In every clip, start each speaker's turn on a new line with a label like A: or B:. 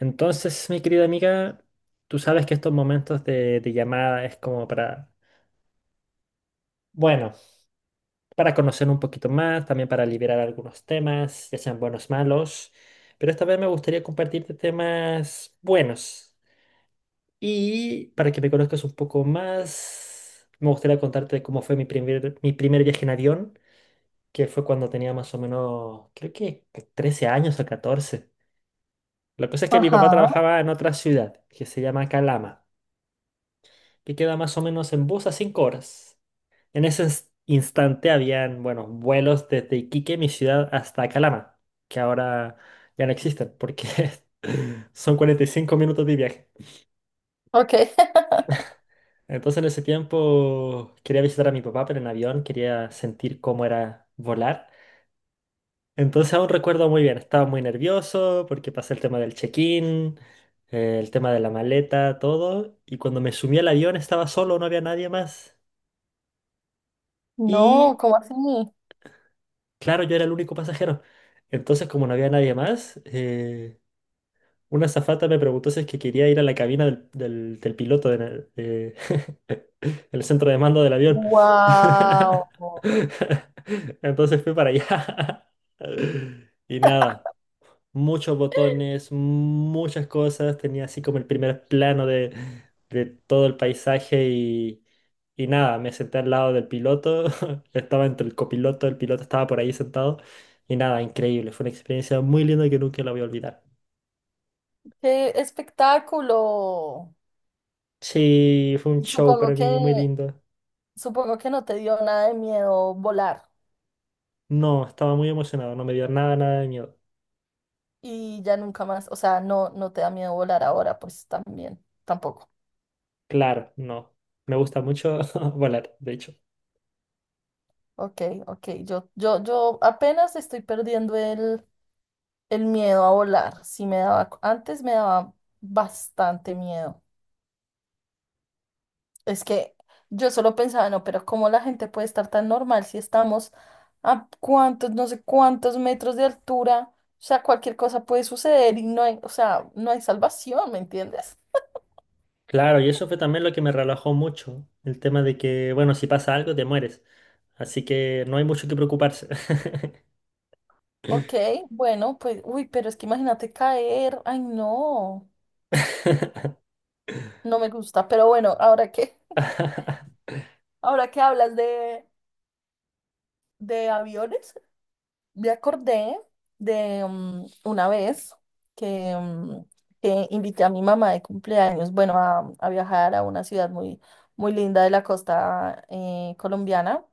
A: Entonces, mi querida amiga, tú sabes que estos momentos de llamada es como para, bueno, para conocer un poquito más, también para liberar algunos temas, ya sean buenos malos, pero esta vez me gustaría compartirte temas buenos. Y para que me conozcas un poco más, me gustaría contarte cómo fue mi primer viaje en avión, que fue cuando tenía más o menos, creo que 13 años o 14. La cosa es que mi
B: Ajá,
A: papá trabajaba en otra ciudad, que se llama Calama, que queda más o menos en bus a 5 horas. En ese instante habían, bueno, vuelos desde Iquique, mi ciudad, hasta Calama, que ahora ya no existen porque son 45 minutos de viaje.
B: ok.
A: Entonces, en ese tiempo quería visitar a mi papá, pero en avión quería sentir cómo era volar. Entonces, aún recuerdo muy bien, estaba muy nervioso porque pasé el tema del check-in, el tema de la maleta, todo. Y cuando me sumí al avión estaba solo, no había nadie más.
B: No,
A: Y
B: ¿cómo así?
A: Claro, yo era el único pasajero. Entonces, como no había nadie más, una azafata me preguntó si es que quería ir a la cabina del piloto, de- el centro de mando del avión.
B: Wow,
A: Entonces fui para allá. Y nada, muchos botones, muchas cosas. Tenía así como el primer plano de todo el paisaje y nada, me senté al lado del piloto. Estaba entre el copiloto, el piloto estaba por ahí sentado. Y nada, increíble. Fue una experiencia muy linda que nunca la voy a olvidar.
B: qué espectáculo.
A: Sí, fue un show
B: Supongo
A: para
B: que,
A: mí muy lindo.
B: supongo que no te dio nada de miedo volar
A: No, estaba muy emocionado, no me dio nada, nada de miedo.
B: y ya nunca más, o sea, no te da miedo volar ahora, pues también, tampoco.
A: Claro, no. Me gusta mucho volar, de hecho.
B: Ok, ok, yo apenas estoy perdiendo el miedo a volar. Sí me daba, antes me daba bastante miedo. Es que yo solo pensaba, no, pero ¿cómo la gente puede estar tan normal si estamos a cuántos, no sé cuántos metros de altura? O sea, cualquier cosa puede suceder y no hay, o sea, no hay salvación, ¿me entiendes?
A: Claro, y eso fue también lo que me relajó mucho, el tema de que, bueno, si pasa algo, te mueres. Así que no hay mucho que preocuparse.
B: Ok, bueno, pues, uy, pero es que imagínate caer, ay, no, no me gusta, pero bueno, ahora que, ahora que hablas de, aviones. Me acordé de una vez que, mm, que invité a mi mamá de cumpleaños, bueno, a viajar a una ciudad muy, muy linda de la costa colombiana.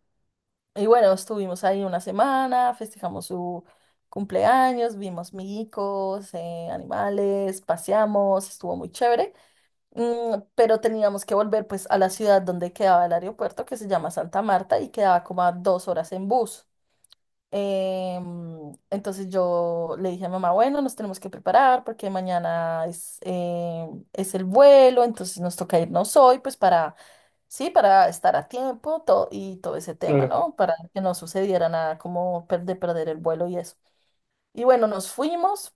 B: Y bueno, estuvimos ahí una semana, festejamos su cumpleaños, vimos migicos, animales, paseamos, estuvo muy chévere. Pero teníamos que volver pues a la ciudad donde quedaba el aeropuerto, que se llama Santa Marta, y quedaba como a 2 horas en bus. Entonces yo le dije a mamá, bueno, nos tenemos que preparar porque mañana es el vuelo, entonces nos toca irnos hoy, pues para, sí, para estar a tiempo todo, y todo ese tema,
A: Claro.
B: ¿no? Para que no sucediera nada como de perder el vuelo y eso. Y bueno, nos fuimos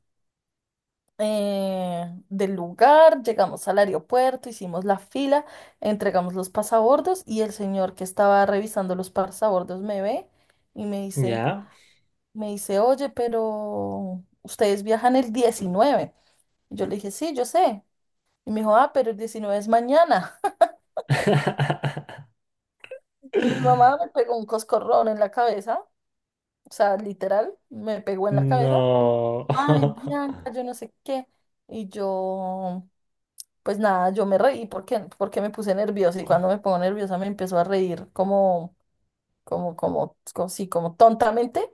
B: del lugar, llegamos al aeropuerto, hicimos la fila, entregamos los pasabordos y el señor que estaba revisando los pasabordos me ve y me dice...
A: ¿Ya?
B: Me dice, oye, pero ustedes viajan el 19. Y yo le dije, sí, yo sé. Y me dijo, ah, pero el 19 es mañana. Y mi mamá me pegó un coscorrón en la cabeza, o sea, literal, me pegó en la cabeza.
A: No.
B: Ay, Bianca, yo no sé qué. Y yo, pues nada, yo me reí porque, me puse nerviosa. Y cuando me pongo nerviosa me empezó a reír como, sí, como tontamente.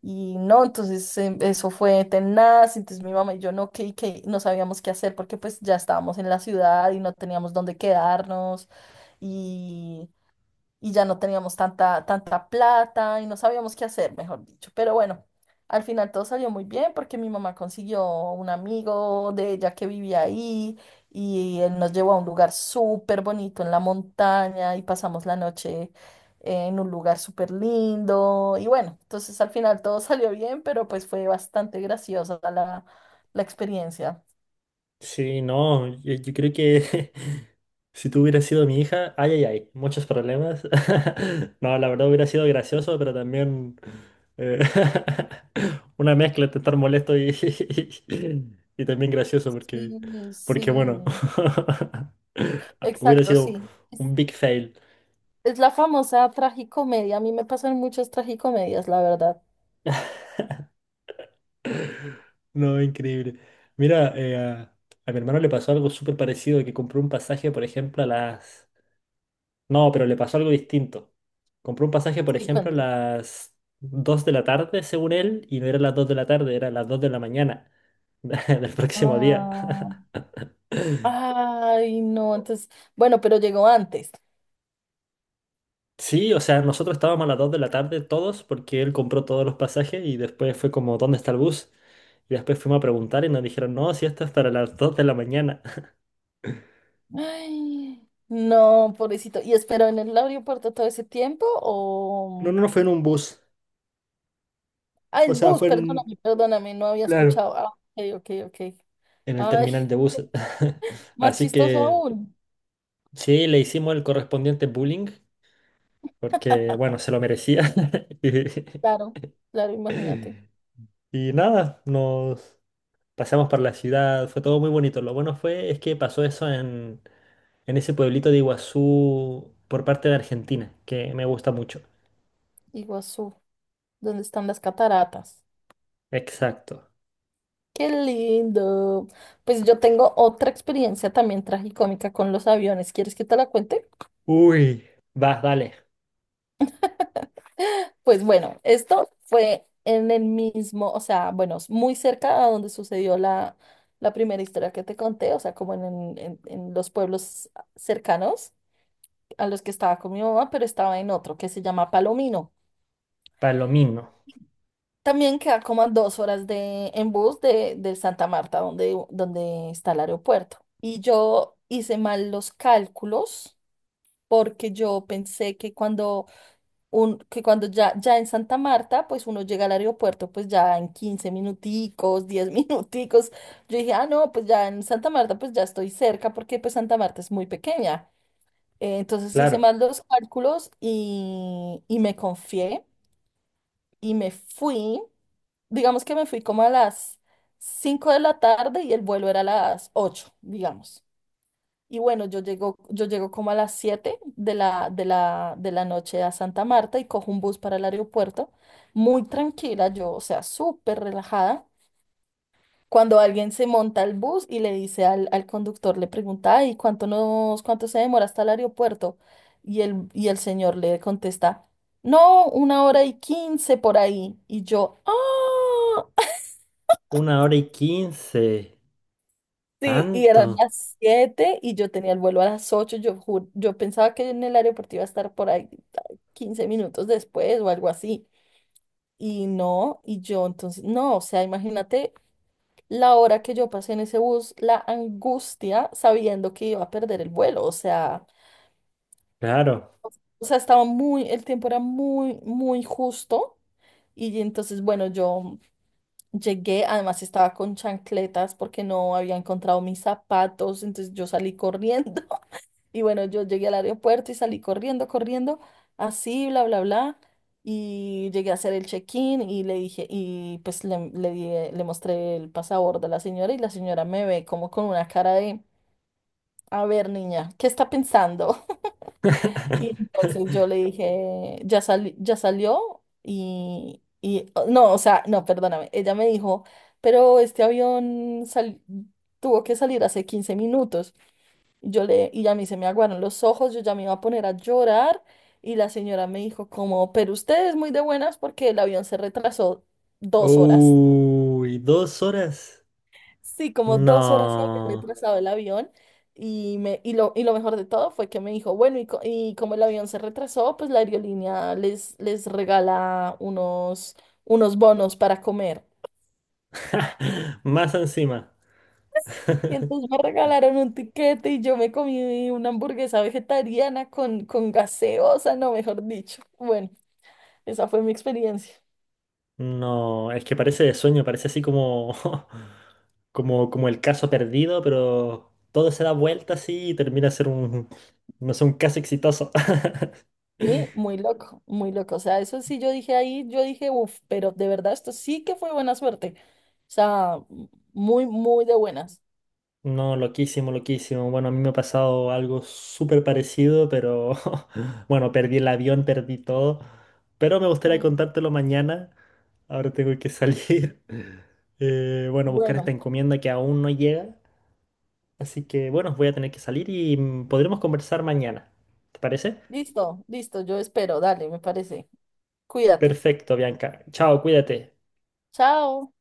B: Y no, entonces eso fue tenaz, entonces mi mamá y yo no, que no sabíamos qué hacer porque pues ya estábamos en la ciudad y no teníamos dónde quedarnos y ya no teníamos tanta, tanta plata y no sabíamos qué hacer, mejor dicho. Pero bueno, al final todo salió muy bien porque mi mamá consiguió un amigo de ella que vivía ahí y él nos llevó a un lugar súper bonito en la montaña y pasamos la noche en un lugar súper lindo. Y bueno, entonces al final todo salió bien, pero pues fue bastante graciosa la experiencia.
A: Sí, no, yo creo que si tú hubieras sido mi hija, ay, ay, ay, muchos problemas. No, la verdad hubiera sido gracioso, pero también eh, una mezcla entre estar molesto y, y también gracioso,
B: Sí,
A: porque, porque bueno,
B: sí,
A: hubiera
B: exacto,
A: sido
B: sí.
A: un big fail.
B: Es la famosa tragicomedia. A mí me pasan muchas tragicomedias, la verdad.
A: No, increíble. Mira, a mi hermano le pasó algo súper parecido, que compró un pasaje, por ejemplo, a las... No, pero le pasó algo distinto. Compró un pasaje, por
B: Sí,
A: ejemplo, a
B: cuento.
A: las 2 de la tarde, según él, y no era las 2 de la tarde, era las 2 de la mañana del próximo día.
B: Ah, ay, no, entonces, bueno, pero llegó antes.
A: Sí, o sea, nosotros estábamos a las 2 de la tarde todos porque él compró todos los pasajes y después fue como, ¿dónde está el bus? Y después fuimos a preguntar y nos dijeron, no, si esto es para las 2 de la mañana.
B: Ay, no, pobrecito. ¿Y esperó en el aeropuerto todo ese tiempo
A: No,
B: o...?
A: no, no fue en un bus.
B: Ah,
A: O
B: el
A: sea,
B: bus,
A: fue en...
B: perdóname, perdóname, no había
A: Claro.
B: escuchado. Ah, ok, ok, ok.
A: En el
B: Ay,
A: terminal de buses.
B: más
A: Así
B: chistoso
A: que
B: aún.
A: sí, le hicimos el correspondiente bullying porque, bueno, se lo merecía.
B: Claro, claro, imagínate.
A: Y nada, nos pasamos por la ciudad, fue todo muy bonito. Lo bueno fue es que pasó eso en ese pueblito de Iguazú por parte de Argentina, que me gusta mucho.
B: Iguazú, ¿dónde están las cataratas?
A: Exacto.
B: Qué lindo. Pues yo tengo otra experiencia también tragicómica con los aviones. ¿Quieres que te la cuente?
A: Uy, vas, dale.
B: Pues bueno, esto fue en el mismo, o sea, bueno, es muy cerca a donde sucedió la, primera historia que te conté, o sea, como en los pueblos cercanos a los que estaba con mi mamá, pero estaba en otro que se llama Palomino.
A: Palomino.
B: También queda como a 2 horas en bus de Santa Marta, donde está el aeropuerto. Y yo hice mal los cálculos porque yo pensé que cuando ya en Santa Marta, pues uno llega al aeropuerto, pues ya en 15 minuticos, 10 minuticos, yo dije, ah, no, pues ya en Santa Marta, pues ya estoy cerca, porque pues Santa Marta es muy pequeña. Entonces hice
A: Claro.
B: mal los cálculos y me confié y me fui, digamos que me fui como a las 5 de la tarde y el vuelo era a las 8 digamos. Y bueno, yo llego como a las 7 de la noche a Santa Marta y cojo un bus para el aeropuerto, muy tranquila, yo, o sea, súper relajada. Cuando alguien se monta al bus y le dice al conductor, le pregunta, ay, ¿ cuánto se demora hasta el aeropuerto? Y el señor le contesta, no, 1 hora y 15 por ahí. Y yo, ah,
A: Una hora y quince.
B: Sí, y
A: Tanto.
B: eran las 7 y yo tenía el vuelo a las 8. Yo pensaba que en el aeropuerto iba a estar por ahí 15 minutos después o algo así. Y no, y yo entonces, no, o sea, imagínate la hora que yo pasé en ese bus, la angustia sabiendo que iba a perder el vuelo, o sea,
A: Claro.
B: o sea, estaba muy, el tiempo era muy, muy justo. Y entonces, bueno, yo llegué, además estaba con chancletas porque no había encontrado mis zapatos, entonces yo salí corriendo. Y bueno, yo llegué al aeropuerto y salí corriendo, corriendo, así, bla, bla, bla. Y llegué a hacer el check-in y le dije, y pues le mostré el pasaporte a la señora y la señora me ve como con una cara de, a ver, niña, ¿qué está pensando? Y entonces yo le dije, ya salió oh, no, o sea, no, perdóname, ella me dijo, pero este avión tuvo que salir hace 15 minutos. Y a mí se me aguaron los ojos, yo ya me iba a poner a llorar y la señora me dijo como, pero usted es muy de buenas porque el avión se retrasó 2 horas.
A: Uy, 2 horas.
B: Sí, como 2 horas se había
A: No.
B: retrasado el avión y lo mejor de todo fue que me dijo, bueno, y como el avión se retrasó, pues la aerolínea les regala unos, bonos para comer.
A: Más encima.
B: Y entonces me regalaron un tiquete y yo me comí una hamburguesa vegetariana con gaseosa, no, mejor dicho. Bueno. Esa fue mi experiencia.
A: No, es que parece de sueño, parece así como, como el caso perdido, pero todo se da vuelta así y termina ser un, no sé, un caso exitoso.
B: Sí, muy loco, muy loco. O sea, eso sí yo dije ahí, yo dije, uff, pero de verdad esto sí que fue buena suerte. O sea, muy, muy de buenas.
A: No, loquísimo, loquísimo. Bueno, a mí me ha pasado algo súper parecido, pero bueno, perdí el avión, perdí todo. Pero me gustaría
B: Eh,
A: contártelo mañana. Ahora tengo que salir. Bueno, buscar esta
B: Bueno,
A: encomienda que aún no llega. Así que bueno, voy a tener que salir y podremos conversar mañana. ¿Te parece?
B: listo, listo, yo espero. Dale, me parece. Cuídate.
A: Perfecto, Bianca. Chao, cuídate.
B: Chao.